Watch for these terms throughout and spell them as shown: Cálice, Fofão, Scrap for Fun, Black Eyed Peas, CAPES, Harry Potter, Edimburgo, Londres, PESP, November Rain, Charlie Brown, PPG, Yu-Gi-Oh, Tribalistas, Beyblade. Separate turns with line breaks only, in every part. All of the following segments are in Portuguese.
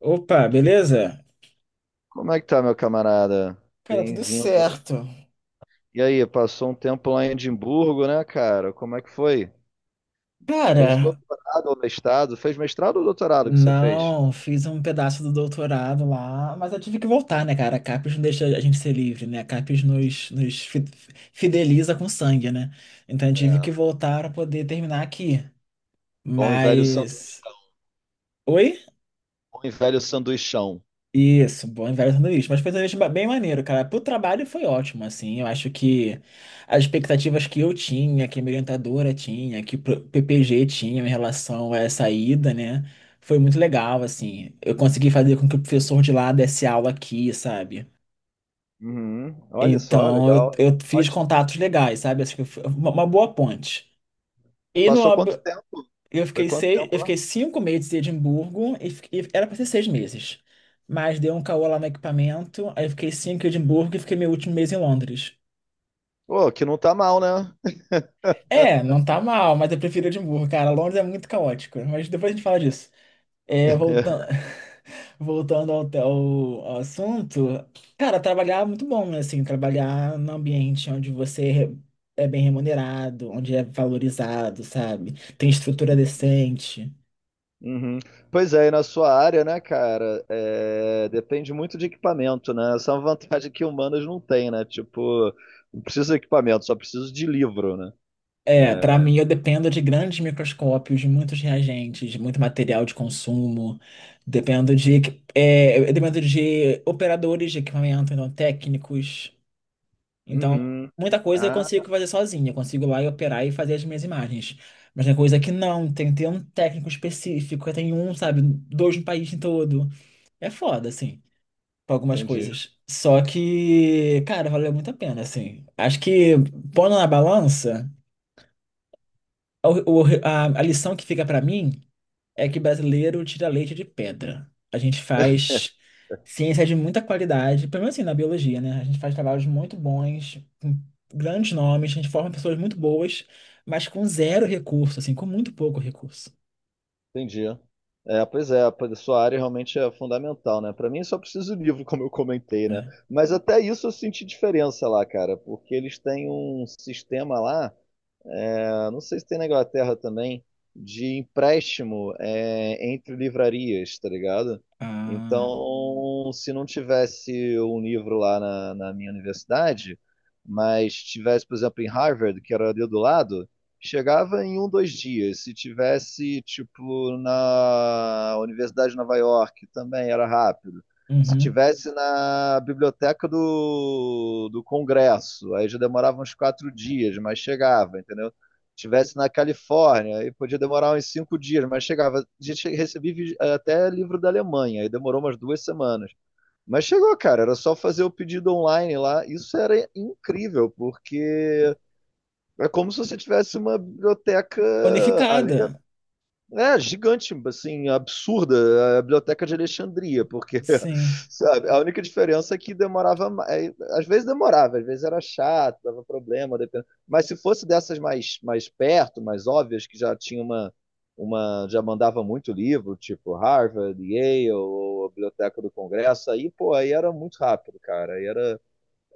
Opa, beleza?
Como é que tá, meu camarada?
Cara, tudo
Bem-vindo.
certo.
E aí, passou um tempo lá em Edimburgo, né, cara? Como é que foi? Fez
Cara,
doutorado ou mestrado? Fez mestrado ou doutorado que você fez?
não, fiz um pedaço do doutorado lá, mas eu tive que voltar, né, cara? A CAPES não deixa a gente ser livre, né? A CAPES nos fideliza com sangue, né? Então eu tive
É.
que voltar para poder terminar aqui.
Bom e velho
Mas.
sanduichão.
Oi?
Bom e velho sanduichão.
Isso, bom e velho sanduíche. Mas foi um sanduíche bem maneiro, cara. Pro trabalho foi ótimo, assim. Eu acho que as expectativas que eu tinha, que a minha orientadora tinha, que o PPG tinha em relação a essa ida, né? Foi muito legal, assim. Eu consegui fazer com que o professor de lá desse aula aqui, sabe?
Uhum. Olha só,
Então eu,
legal, hein?
eu fiz
Ótimo.
contatos legais, sabe? Acho que foi uma boa ponte. E no,
Passou quanto tempo?
eu
Foi
fiquei
quanto
seis,
tempo
eu
lá?
fiquei 5 meses em Edimburgo e, e era para ser 6 meses. Mas deu um caô lá no equipamento, aí eu fiquei cinco em Edimburgo e fiquei meu último mês em Londres.
Pô, que não tá mal, né?
É, não tá mal, mas eu prefiro Edimburgo, cara. Londres é muito caótico, mas depois a gente fala disso. É, voltando, voltando ao assunto, cara, trabalhar é muito bom, né? Assim, trabalhar num ambiente onde você é bem remunerado, onde é valorizado, sabe? Tem estrutura decente.
Uhum. Pois é, e na sua área, né, cara, depende muito de equipamento, né? Essa é uma vantagem que humanas não tem, né? Tipo, não preciso de equipamento, só preciso de livro, né?
É, para mim eu dependo de grandes microscópios, de muitos reagentes, de muito material de consumo. Dependo de, equi- é, eu dependo de operadores de equipamento, então técnicos. Então,
Uhum.
muita coisa eu consigo
Ah,
fazer sozinho. Eu consigo ir lá e operar e fazer as minhas imagens. Mas tem coisa que não, tem que ter um técnico específico, tem um, sabe, dois no país todo. É foda, assim, pra algumas
entendi,
coisas. Só que, cara, valeu muito a pena, assim. Acho que pondo na balança. A lição que fica para mim é que brasileiro tira leite de pedra. A gente faz ciência de muita qualidade, pelo menos assim na biologia, né? A gente faz trabalhos muito bons, com grandes nomes, a gente forma pessoas muito boas, mas com zero recurso, assim, com muito pouco recurso,
entendi. É, pois a sua área realmente é fundamental, né? Pra mim só preciso de livro, como eu comentei, né?
né?
Mas até isso eu senti diferença lá, cara, porque eles têm um sistema lá. É, não sei se tem na Inglaterra também, de empréstimo entre livrarias, tá ligado?
Ah,
Então, se não tivesse um livro lá na minha universidade, mas tivesse, por exemplo, em Harvard, que era ali do lado, chegava em um, dois dias. Se tivesse, tipo, na Universidade de Nova York, também era rápido. Se
uhum.
tivesse na biblioteca do Congresso, aí já demorava uns 4 dias, mas chegava, entendeu? Estivesse na Califórnia, aí podia demorar uns 5 dias, mas chegava. A gente recebia até livro da Alemanha, aí demorou umas 2 semanas. Mas chegou, cara, era só fazer o pedido online lá. Isso era incrível, porque é como se você tivesse uma biblioteca, além
Unificada.
gigante, assim, absurda a Biblioteca de Alexandria, porque,
Sim,
sabe, a única diferença é que demorava, às vezes demorava, às vezes era chato, dava problema, mas se fosse dessas mais perto, mais óbvias, que já tinha uma, já mandava muito livro, tipo Harvard, Yale, ou a Biblioteca do Congresso, aí, pô, aí era muito rápido, cara, aí era,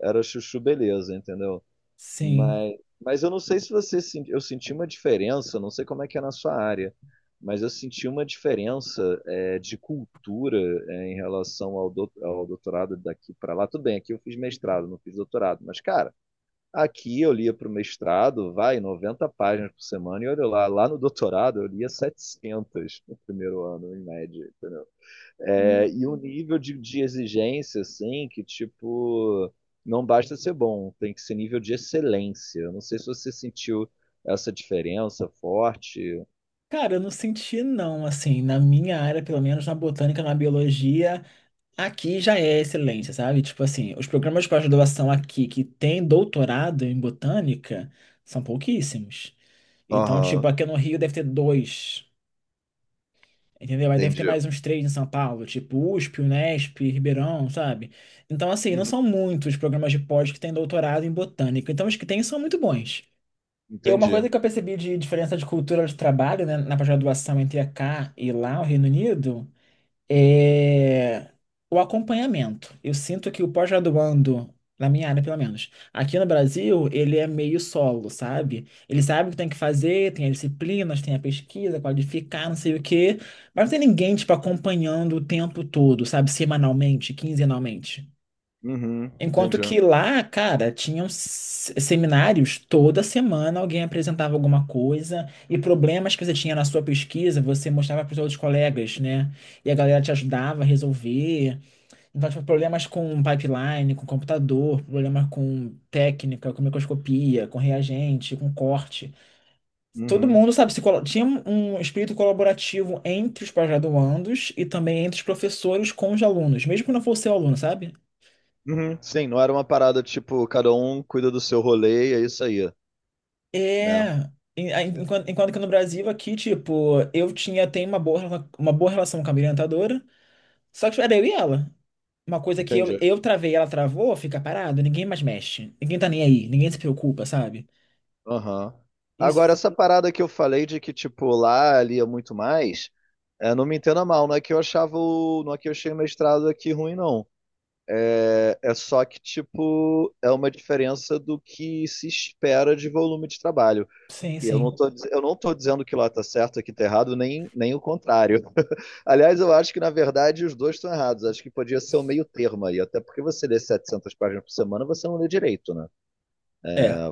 era chuchu beleza, entendeu?
sim.
Mas eu não sei se você senti, eu senti uma diferença, não sei como é que é na sua área, mas eu senti uma diferença de cultura em relação ao doutorado daqui para lá. Tudo bem, aqui eu fiz mestrado, não fiz doutorado, mas cara, aqui eu lia para o mestrado, vai 90 páginas por semana e olha lá no doutorado eu lia 700 no primeiro ano, em média, entendeu? É,
Hum,
e um nível de exigência, assim, que, tipo, não basta ser bom, tem que ser nível de excelência. Eu não sei se você sentiu essa diferença forte.
Cara, eu não senti não, assim, na minha área, pelo menos na botânica, na biologia. Aqui já é excelência, sabe? Tipo assim, os programas de pós-graduação aqui que têm doutorado em botânica são pouquíssimos. Então, tipo,
Aham,
aqui no Rio deve ter dois, entendeu? Aí deve ter
entendi.
mais uns três em São Paulo, tipo USP, Unesp, Ribeirão, sabe? Então, assim, não
Uhum,
são muitos programas de pós que têm doutorado em botânica. Então, os que têm são muito bons. E uma
entendi.
coisa que eu percebi de diferença de cultura de trabalho, né, na pós-graduação entre cá e lá, o Reino Unido é o acompanhamento. Eu sinto que o pós-graduando, na minha área pelo menos, aqui no Brasil, ele é meio solo, sabe? Ele sabe o que tem que fazer, tem as disciplinas, tem a pesquisa, qualificar, não sei o quê, mas não tem ninguém, tipo, acompanhando o tempo todo, sabe? Semanalmente, quinzenalmente.
Uhum,
Enquanto
entendi.
que lá, cara, tinham seminários, toda semana alguém apresentava alguma coisa e problemas que você tinha na sua pesquisa, você mostrava para os outros colegas, né? E a galera te ajudava a resolver. Então, tipo, problemas com pipeline, com computador, problemas com técnica, com microscopia, com reagente, com corte. Todo
Uhum.
mundo, sabe, se colo- tinha um espírito colaborativo entre os pós-graduandos e também entre os professores com os alunos, mesmo que não fosse o aluno, sabe?
Uhum. Sim, não era uma parada tipo, cada um cuida do seu rolê e é isso aí, né?
É, enquanto que no Brasil aqui, tipo, eu tinha, tenho uma uma boa relação com a minha orientadora, só que tipo, era eu e ela. Uma coisa que eu,
Entendi.
eu travei, ela travou, fica parado, ninguém mais mexe, ninguém tá nem aí, ninguém se preocupa, sabe?
Aham. Agora,
Isso,
essa parada que eu falei de que, tipo, lá ali é muito mais. É, não me entenda mal, não é que eu achava o, não é que eu achei o mestrado aqui ruim, não. É, é só que, tipo, é uma diferença do que se espera de volume de trabalho.
sim,
E eu não
sim.
tô, eu não tô dizendo que lá tá certo, aqui tá errado, nem o contrário. Aliás, eu acho que, na verdade, os dois estão errados. Acho que podia ser o meio termo aí, até porque você lê 700 páginas por semana, você não lê direito, né?
É,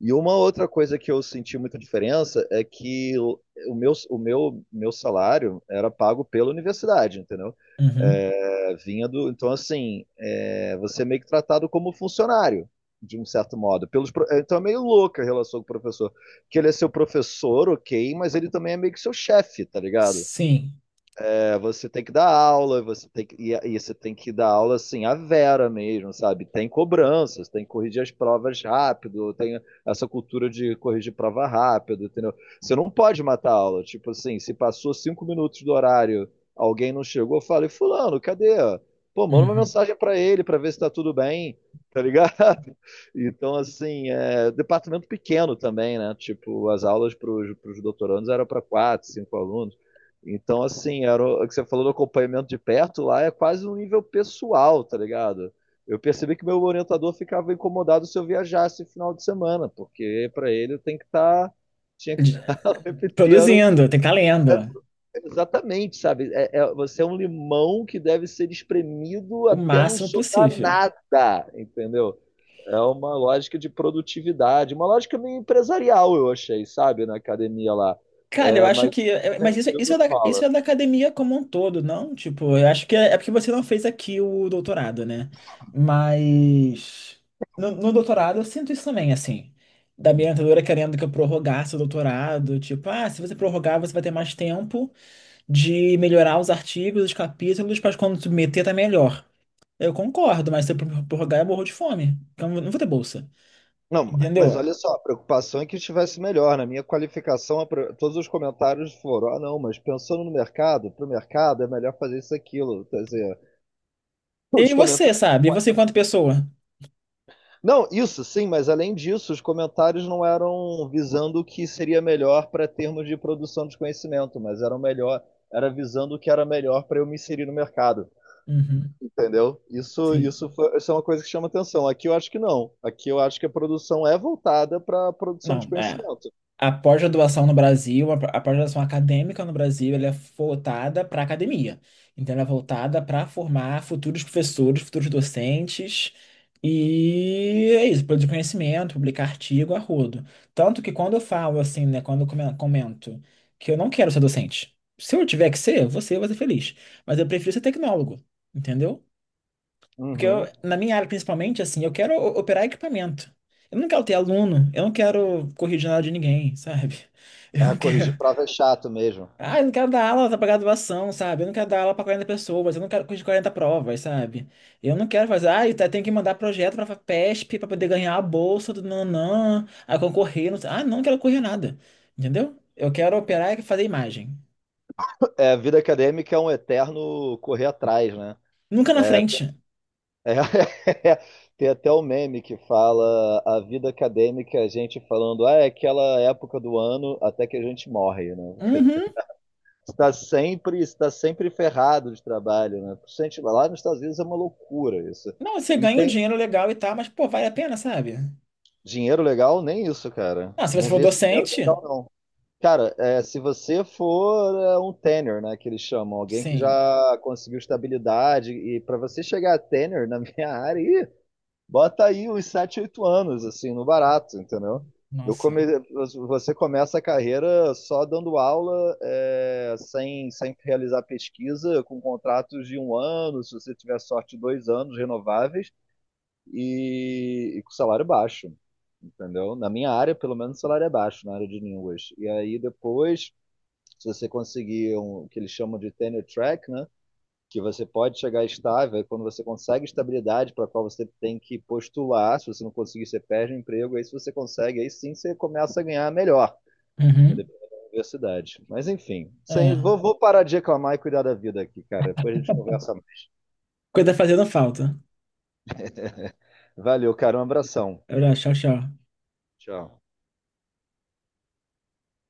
E uma outra coisa que eu senti muita diferença é que o meu salário era pago pela universidade, entendeu?
uhum,
É, vinha do. Então, assim, você é meio que tratado como funcionário, de um certo modo. Então, é meio louca a relação com o professor. Que ele é seu professor, ok, mas ele também é meio que seu chefe, tá ligado?
sim,
É, você tem que dar aula, você tem que, e você tem que dar aula assim, a vera mesmo, sabe? Tem cobranças, tem que corrigir as provas rápido, tem essa cultura de corrigir prova rápido, entendeu? Você não pode matar a aula. Tipo assim, se passou 5 minutos do horário, alguém não chegou, eu falei, fulano, cadê? Pô, manda uma
uhum.
mensagem pra ele pra ver se tá tudo bem, tá ligado? Então, assim, departamento pequeno também, né? Tipo, as aulas pros doutorandos eram para quatro, cinco alunos. Então, assim, era o que você falou do acompanhamento de perto lá é quase um nível pessoal, tá ligado? Eu percebi que meu orientador ficava incomodado se eu viajasse final de semana, porque para ele tem que estar, tinha que
De-
estar o tempo inteiro,
Produzindo, tem que estar lendo,
exatamente, sabe? Você é um limão que deve ser espremido
o
até não
máximo
sobrar
possível.
nada, entendeu? É uma lógica de produtividade, uma lógica meio empresarial, eu achei, sabe, na academia lá.
Cara, eu
É,
acho
mas
que. É-
é,
Mas
tudo
isso
rola.
é da academia como um todo, não? Tipo, eu acho que é porque você não fez aqui o doutorado, né? Mas. No doutorado eu sinto isso também, assim. Da minha orientadora querendo que eu prorrogasse o doutorado. Tipo, ah, se você prorrogar, você vai ter mais tempo de melhorar os artigos, os capítulos, para quando submeter tá melhor. Eu concordo, mas se eu prorrogar, eu morro de fome. Então eu não vou ter bolsa.
Não, mas
Entendeu?
olha só, a preocupação é que estivesse melhor. Na minha qualificação, todos os comentários foram: ah, não, mas pensando no mercado, para o mercado é melhor fazer isso e aquilo. Quer dizer,
E
os
você,
comentários.
sabe? E você enquanto pessoa?
Não, isso sim, mas além disso, os comentários não eram visando o que seria melhor para termos de produção de conhecimento, mas eram melhor, era visando o que era melhor para eu me inserir no mercado.
Uhum,
Entendeu? Isso,
sim.
isso é uma coisa que chama atenção. Aqui eu acho que não. Aqui eu acho que a produção é voltada para a produção
Não,
de
é.
conhecimento.
A pós-graduação no Brasil, a pós-graduação acadêmica no Brasil, ela é voltada para a academia. Então, ela é voltada para formar futuros professores, futuros docentes. E é isso, produzir conhecimento, publicar artigo a rodo. Tanto que quando eu falo assim, né, quando eu comento que eu não quero ser docente, se eu tiver que ser, você vai ser eu vou ser feliz. Mas eu prefiro ser tecnólogo, entendeu? Porque eu,
Uhum.
na minha área, principalmente, assim, eu quero operar equipamento. Eu não quero ter aluno, eu não quero corrigir nada de ninguém, sabe? Eu
É,
não
corrigir
quero.
prova é chato mesmo.
Ah, eu não quero dar aula para graduação, sabe? Eu não quero dar aula para 40 pessoas, eu não quero corrigir 40 provas, sabe? Eu não quero fazer. Ah, eu tenho que mandar projeto para PESP para poder ganhar a bolsa do nanã, a concorrer. Não sei. Ah, não quero correr nada, entendeu? Eu quero operar e fazer imagem.
É, a vida acadêmica é um eterno correr atrás, né?
Nunca na
É,
frente.
é- Tem até o meme que fala a vida acadêmica, é a gente falando, ah, é aquela época do ano até que a gente morre, né?
Uhum.
Está sempre ferrado de trabalho, né? Por isso a gente, vai lá nos Estados Unidos é uma loucura isso.
Não, você
E
ganha um
tem
dinheiro legal e tal, mas, pô, vale a pena, sabe?
dinheiro legal? Nem isso, cara.
Ah, se você
Não
for
vi esse dinheiro
docente.
legal, não. Cara, se você for um tenor, né, que eles chamam, alguém que
Sim,
já conseguiu estabilidade, e para você chegar a tenor na minha área, ih, bota aí uns 7, 8 anos, assim, no barato, entendeu? Eu
nossa.
come... Você começa a carreira só dando aula, sem realizar pesquisa, com contratos de um ano, se você tiver sorte, 2 anos renováveis, e com salário baixo, entendeu? Na minha área, pelo menos, o salário é baixo na área de línguas. E aí depois se você conseguir um, o que eles chamam de tenure track, né? Que você pode chegar estável, quando você consegue estabilidade para a qual você tem que postular, se você não conseguir, você perde o emprego, aí se você consegue, aí sim você começa a ganhar melhor,
Uhum.
dependendo da universidade. Mas enfim, sem,
É.
vou parar de reclamar e cuidar da vida aqui, cara, depois a gente conversa mais.
Coisa fazendo falta.
Valeu, cara, um abração.
Olha, tchau, tchau.
Tchau.